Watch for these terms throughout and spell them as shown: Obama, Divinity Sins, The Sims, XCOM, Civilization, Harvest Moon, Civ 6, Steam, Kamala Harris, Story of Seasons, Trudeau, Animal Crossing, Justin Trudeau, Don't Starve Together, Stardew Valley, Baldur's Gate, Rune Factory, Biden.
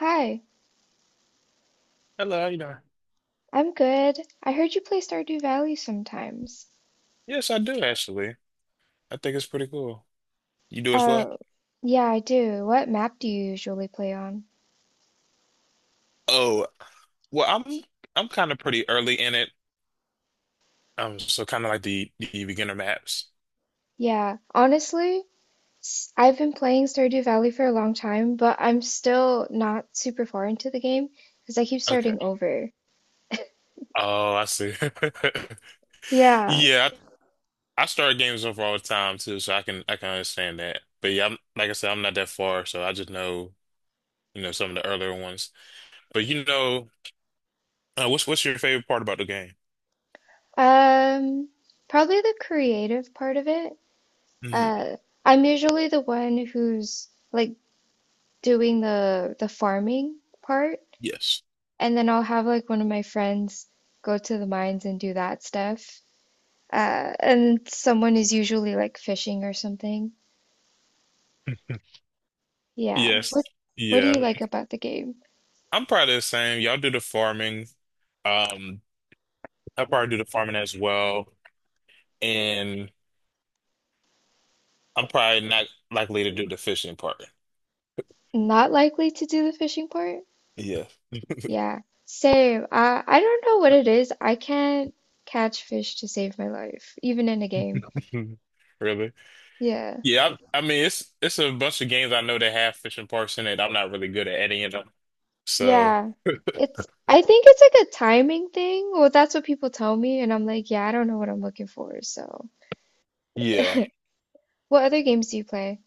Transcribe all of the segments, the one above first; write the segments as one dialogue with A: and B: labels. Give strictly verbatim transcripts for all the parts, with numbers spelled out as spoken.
A: Hi,
B: Hello, you know.
A: I'm good. I heard you play Stardew Valley sometimes.
B: Yes, I do actually. I think it's pretty cool. You do as well?
A: Oh, yeah, I do. What map do you usually play on?
B: Oh, well, I'm I'm kind of pretty early in it. Um, so kind of like the the beginner maps.
A: Yeah, honestly, s- I've been playing Stardew Valley for a long time, but I'm still not super far into the game because I keep
B: Okay.
A: starting over.
B: Oh, I see.
A: Yeah,
B: Yeah, I, I start games over all the time too, so I can I can understand that. But yeah, I'm, like I said, I'm not that far, so I just know you know some of the earlier ones. But you know, uh, what's what's your favorite part about the game?
A: um, probably the creative part of it.
B: Mm,
A: Uh, I'm usually the one who's like doing the the farming part.
B: yes.
A: And then I'll have like one of my friends go to the mines and do that stuff. Uh, and someone is usually like fishing or something. Yeah.
B: Yes.
A: What what do you
B: Yeah.
A: like about the game?
B: I'm probably the same. Y'all do the farming. Um, I probably do the farming as well, and I'm probably not likely to do the fishing part.
A: Not likely to do the fishing part?
B: Yeah.
A: Yeah. Same. I I don't know what it is. I can't catch fish to save my life, even in a game.
B: Really?
A: Yeah.
B: Yeah, I, I mean it's it's a bunch of games I know that have fishing parts in it. I'm not really good at any of them. So
A: Yeah. It's I think it's like a timing thing. Well, that's what people tell me, and I'm like, yeah, I don't know what I'm looking for, so.
B: yeah.
A: What other games do you play?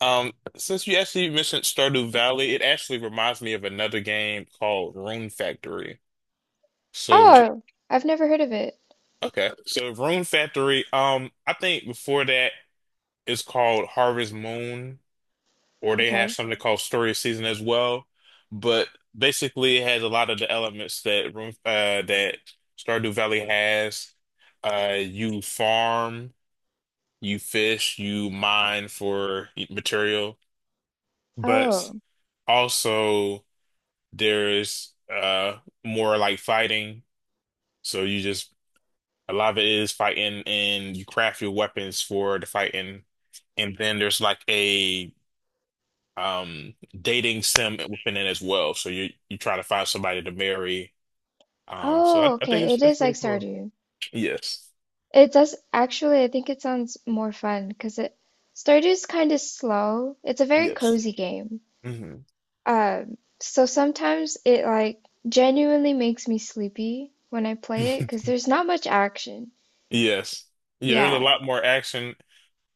B: Um, since you actually mentioned Stardew Valley, it actually reminds me of another game called Rune Factory. So
A: Oh, I've never heard of it.
B: okay. So Rune Factory, um, I think before that it's called Harvest Moon, or they have
A: Okay.
B: something called Story Season as well. But basically, it has a lot of the elements that Room uh, that Stardew Valley has. Uh, you farm, you fish, you mine for material, but
A: Oh.
B: also there's uh more like fighting. So you just a lot of it is fighting, and you craft your weapons for the fighting. And then there's like a um dating sim within it as well. So you you try to find somebody to marry. Um, so I,
A: Oh,
B: I think
A: okay.
B: it's
A: It
B: it's
A: is like
B: pretty cool.
A: Stardew.
B: Yes.
A: It does actually, I think it sounds more fun because it Stardew's kind of slow. It's a very
B: Yes.
A: cozy game.
B: Hmm.
A: Um, so sometimes it like genuinely makes me sleepy when I play it because there's not much action.
B: Yes. Yeah, there's a
A: Yeah.
B: lot more action.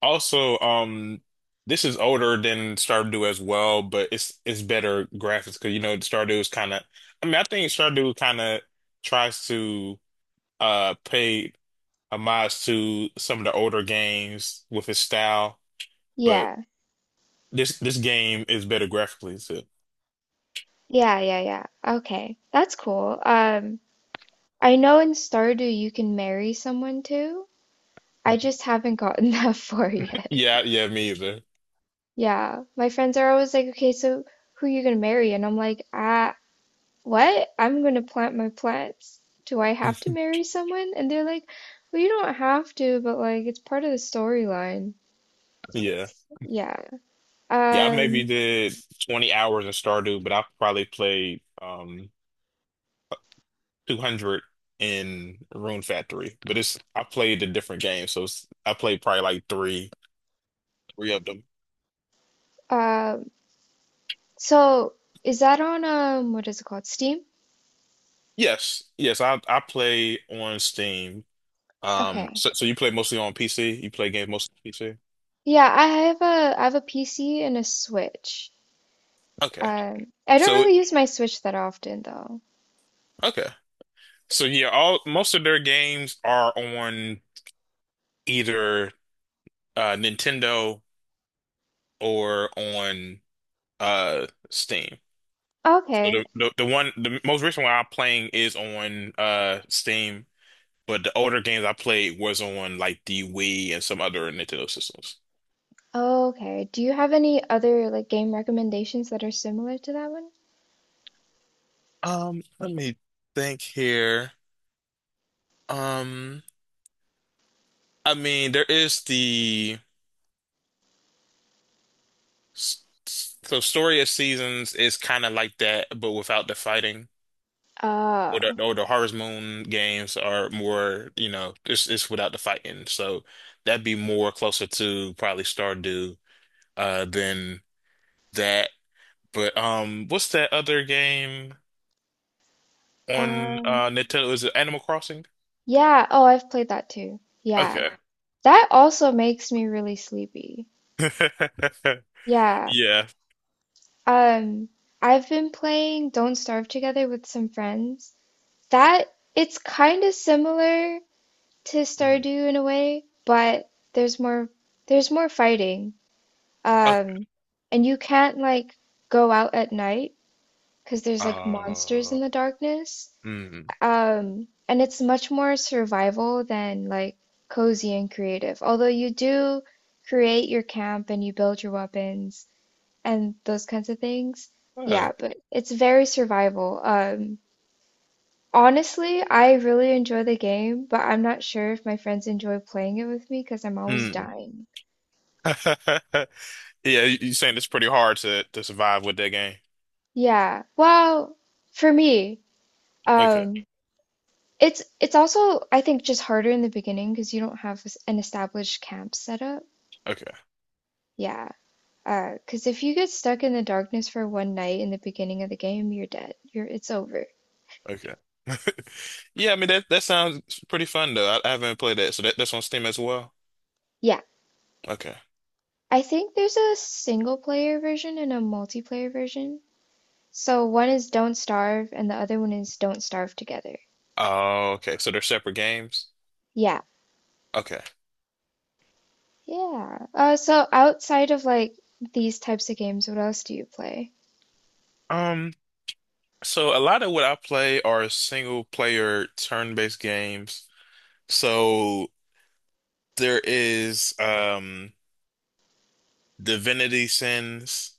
B: Also, um, this is older than Stardew as well, but it's it's better graphics because you know Stardew is kind of. I mean, I think Stardew kind of tries to uh pay homage to some of the older games with his style, but
A: Yeah.
B: This this game is better graphically too.
A: Yeah, yeah, yeah. Okay. That's cool. Um, I know in Stardew you can marry someone too. I just haven't gotten that far yet.
B: Yeah, yeah, me either.
A: Yeah, my friends are always like, okay, so who are you gonna marry? And I'm like, ah, what? I'm gonna plant my plants. Do I have to marry someone? And they're like, well, you don't have to, but like, it's part of the storyline.
B: Yeah.
A: Yeah.
B: Yeah, I maybe
A: Um,
B: did twenty hours in Stardew, but I probably played um two hundred in Rune Factory. But it's I played a different game, so it's, I played probably like three three of them.
A: um, so is that on, um, what is it called? Steam?
B: Yes, yes, I I play on Steam. Um,
A: Okay.
B: so so you play mostly on P C? You play games mostly on P C?
A: Yeah, I have a, I have a P C and a Switch.
B: Okay.
A: Um, I don't
B: So
A: really use my Switch that often though.
B: okay. So yeah, all most of their games are on either uh, Nintendo or on uh, Steam. So
A: Okay.
B: the, the the one the most recent one I'm playing is on uh, Steam, but the older games I played was on like the Wii and some other Nintendo systems.
A: Oh, okay. Do you have any other like game recommendations that are similar to that one?
B: Um, let me think here. Um, I mean, there is the s- s- so Story of Seasons is kind of like that, but without the fighting. Or
A: Oh.
B: the, or the Harvest Moon games are more, you know, it's it's without the fighting. So that'd be more closer to probably Stardew uh than that. But um what's that other game on
A: Um,
B: uh Nintendo? Is it Animal Crossing?
A: yeah. Oh, I've played that too. Yeah.
B: Okay.
A: That also makes me really sleepy. Yeah.
B: Yeah.
A: Um, I've been playing Don't Starve Together with some friends. That It's kind of similar to
B: Mhm.
A: Stardew in a way, but there's more there's more fighting.
B: Okay.
A: Um, and you can't like go out at night, because there's like monsters
B: Uh,
A: in the darkness.
B: mm,
A: Um, and it's much more survival than like cozy and creative. Although you do create your camp and you build your weapons and those kinds of things.
B: uh,
A: Yeah, but it's very survival. Um, honestly, I really enjoy the game, but I'm not sure if my friends enjoy playing it with me because I'm always
B: mm.
A: dying.
B: Yeah, you, you saying it's pretty hard to to survive with that game?
A: Yeah. Well, for me,
B: Okay.
A: um, It's it's also I think just harder in the beginning because you don't have s- an established camp set up.
B: Okay.
A: Yeah, uh, because if you get stuck in the darkness for one night in the beginning of the game, you're dead. You're It's over.
B: Okay. Yeah, I mean that that sounds pretty fun though. I, I haven't played that, so that, that's on Steam as well.
A: Yeah,
B: Okay.
A: I think there's a single player version and a multiplayer version. So one is Don't Starve and the other one is Don't Starve Together.
B: Oh, okay. So they're separate games.
A: Yeah,
B: Okay.
A: yeah. Uh, so outside of like these types of games, what else do you play?
B: Um, so a lot of what I play are single player turn-based games. So there is um Divinity Sins.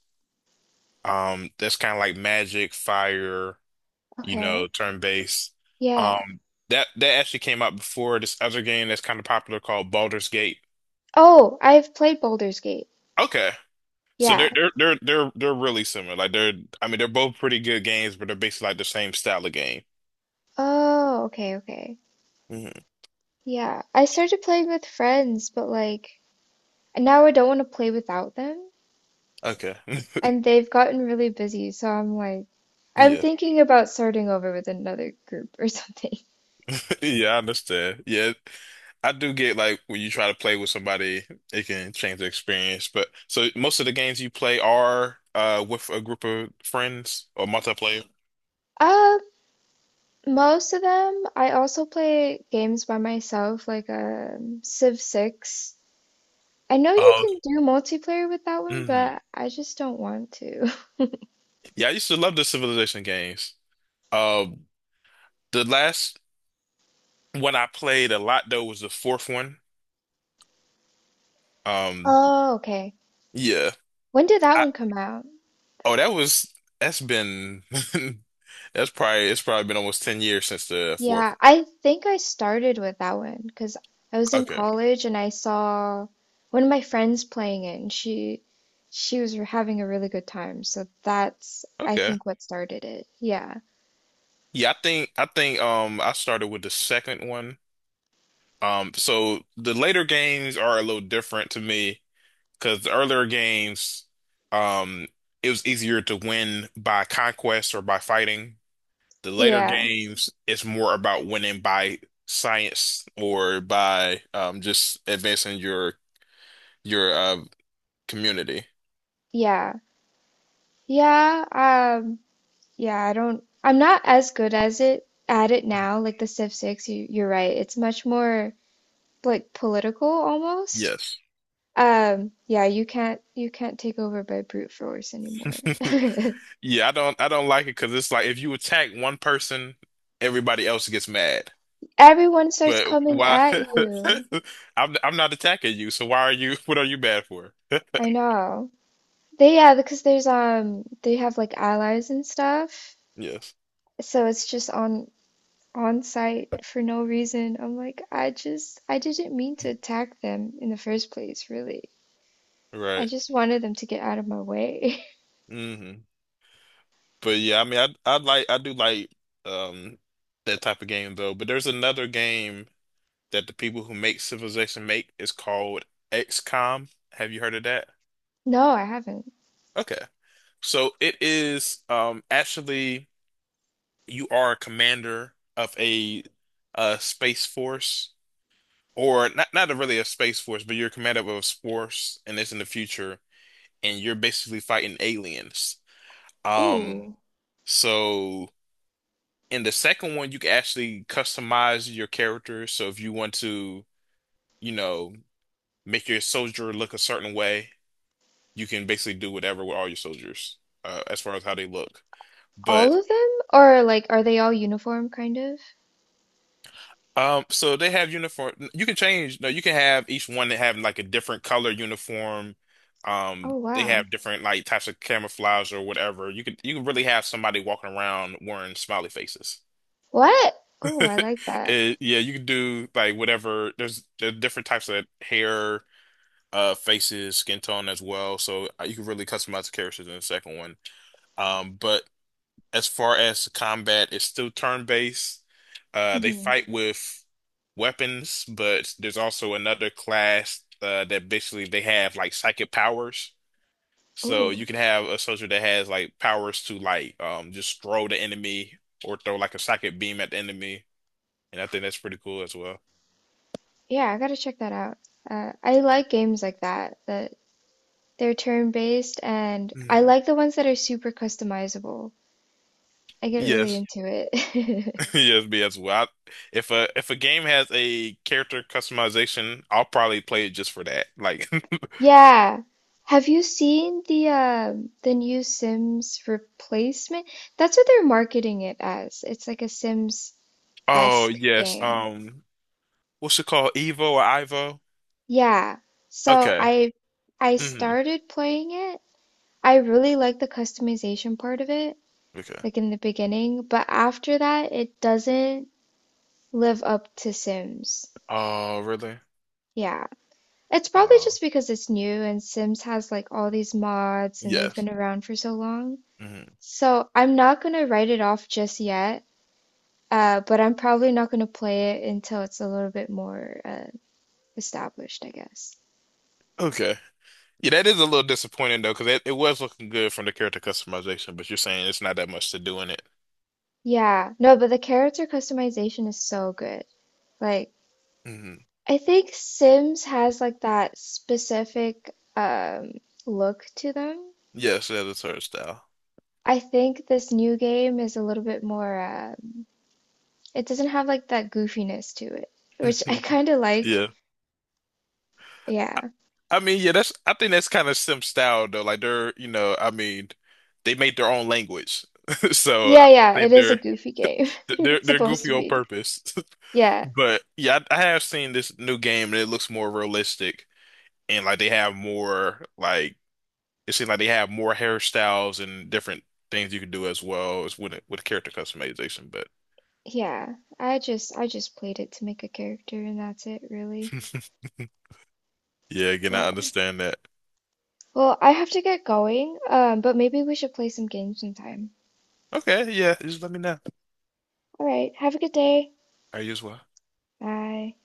B: Um, that's kind of like Magic, Fire, you know,
A: Okay.
B: turn-based.
A: Yeah.
B: Um, that that actually came out before this other game that's kind of popular called Baldur's Gate.
A: Oh, I've played Baldur's Gate.
B: Okay. So they're
A: Yeah.
B: they're they're they're they're really similar. Like they're I mean they're both pretty good games, but they're basically like the same style of game.
A: Oh, okay, okay.
B: Hmm.
A: Yeah. I started playing with friends, but like and now I don't want to play without them.
B: Okay.
A: And they've gotten really busy, so I'm like I'm
B: Yeah.
A: thinking about starting over with another group or something.
B: Yeah, I understand. Yeah. I do get like when you try to play with somebody, it can change the experience. But so most of the games you play are uh with a group of friends or multiplayer.
A: Uh, most of them, I also play games by myself, like um Civ six. I know you
B: Oh,
A: can do multiplayer with that one,
B: hmm,
A: but I just don't want to.
B: yeah, I used to love the Civilization games. Um, the last one I played a lot though was the fourth one. Um,
A: Oh, okay.
B: yeah.
A: When did that one come out?
B: Oh, that was that's been that's probably it's probably been almost ten years since the fourth.
A: Yeah, I think I started with that one because I was in
B: Okay.
A: college and I saw one of my friends playing it and she she was re- having a really good time. So that's I
B: Okay.
A: think what started it. Yeah.
B: Yeah, I think I think um I started with the second one. Um so the later games are a little different to me because the earlier games um it was easier to win by conquest or by fighting. The later
A: Yeah.
B: games it's more about winning by science or by um just advancing your your uh community.
A: Yeah. Yeah. Um yeah, I don't I'm not as good as it at it
B: Mhm.
A: now like the Civ six you you're right. It's much more like political almost.
B: Yes.
A: Um yeah, you can't you can't take over by brute force anymore.
B: Yeah, I don't I don't like it because it's like if you attack one person, everybody else gets mad.
A: Everyone starts
B: But
A: coming
B: why?
A: at you.
B: I'm I'm not attacking you, so why are you? What are you bad for?
A: I know. They, yeah, because there's um they have like allies and stuff.
B: Yes,
A: So it's just on on site for no reason. I'm like, I just I didn't mean to attack them in the first place, really. I
B: right.
A: just wanted them to get out of my way.
B: Hmm. But yeah, I mean, I I like I do like um that type of game though. But there's another game that the people who make Civilization make is called XCOM. Have you heard of that?
A: No, I haven't.
B: Okay. So it is um actually, you are a commander of a uh space force, or not not really a space force, but you're a commander of a force, and it's in the future and you're basically fighting aliens. Um
A: Ooh.
B: so in the second one you can actually customize your character. So if you want to, you know, make your soldier look a certain way, you can basically do whatever with all your soldiers, uh, as far as how they look.
A: All
B: But
A: of them? Or like are they all uniform kind of?
B: Um, so they have uniform. You can change. No, you can have each one that have like a different color uniform. Um,
A: Oh
B: they
A: wow.
B: have different like types of camouflage or whatever. You could you can really have somebody walking around wearing smiley faces.
A: What? Oh, I like that.
B: It- yeah, you can do like whatever. There's there are different types of hair, uh, faces, skin tone as well. So uh, you can really customize the characters in the second one. Um, but as far as the combat, it's still turn-based. Uh, they
A: Hmm.
B: fight with weapons, but there's also another class uh, that basically they have like psychic powers. So
A: Ooh.
B: you can have a soldier that has like powers to like um just throw the enemy, or throw like a psychic beam at the enemy, and I think that's pretty cool as well.
A: Yeah, I gotta check that out. Uh, I like games like that, that they're turn-based, and I
B: Mhm.
A: like the ones that are super customizable. I get really
B: Yes,
A: into it.
B: yes, me as well. I- if a if a game has a character customization, I'll probably play it just for that. Like,
A: Yeah. Have you seen the um the new Sims replacement? That's what they're marketing it as. It's like a Sims-esque
B: oh yes,
A: game.
B: um. What's it called? Evo or Ivo?
A: Yeah. So
B: Okay.
A: I I
B: Hmm.
A: started playing it. I really like the customization part of it,
B: Okay.
A: like in the beginning, but after that it doesn't live up to Sims.
B: Oh, really?
A: Yeah. It's probably
B: Oh,
A: just because it's new and Sims has like all these mods and they've
B: yes.
A: been around for so long.
B: Hmm.
A: So I'm not gonna write it off just yet, uh, but I'm probably not gonna play it until it's a little bit more uh, established, I guess.
B: Okay. Yeah, that is a little disappointing though, because it, it was looking good from the character customization, but you're saying it's not that much to do in it.
A: Yeah. No, but the character customization is so good. Like,
B: Hmm,
A: I think Sims has like that specific um, look to them.
B: yes, that is her style.
A: I think this new game is a little bit more uh, it doesn't have like that goofiness to it, which I kind of like.
B: Yeah.
A: Yeah.
B: I, I mean, yeah, that's I think that's kind of Sim style though. Like they're, you know, I mean, they made their own language. So
A: Yeah,
B: I
A: yeah, it
B: think
A: is a
B: they're
A: goofy game.
B: they're
A: It's
B: they're
A: supposed
B: goofy
A: to
B: on
A: be.
B: purpose.
A: Yeah.
B: But yeah, I, I have seen this new game and it looks more realistic and like they have more like it seems like they have more hairstyles and different things you can do as well as with with character customization. But
A: Yeah. I just I just played it to make a character and that's it, really.
B: yeah, again,
A: Well,
B: I understand that.
A: well, I have to get going, um, but maybe we should play some games sometime.
B: Okay, yeah, just let me know.
A: All right, have a good day.
B: Are you as well?
A: Bye.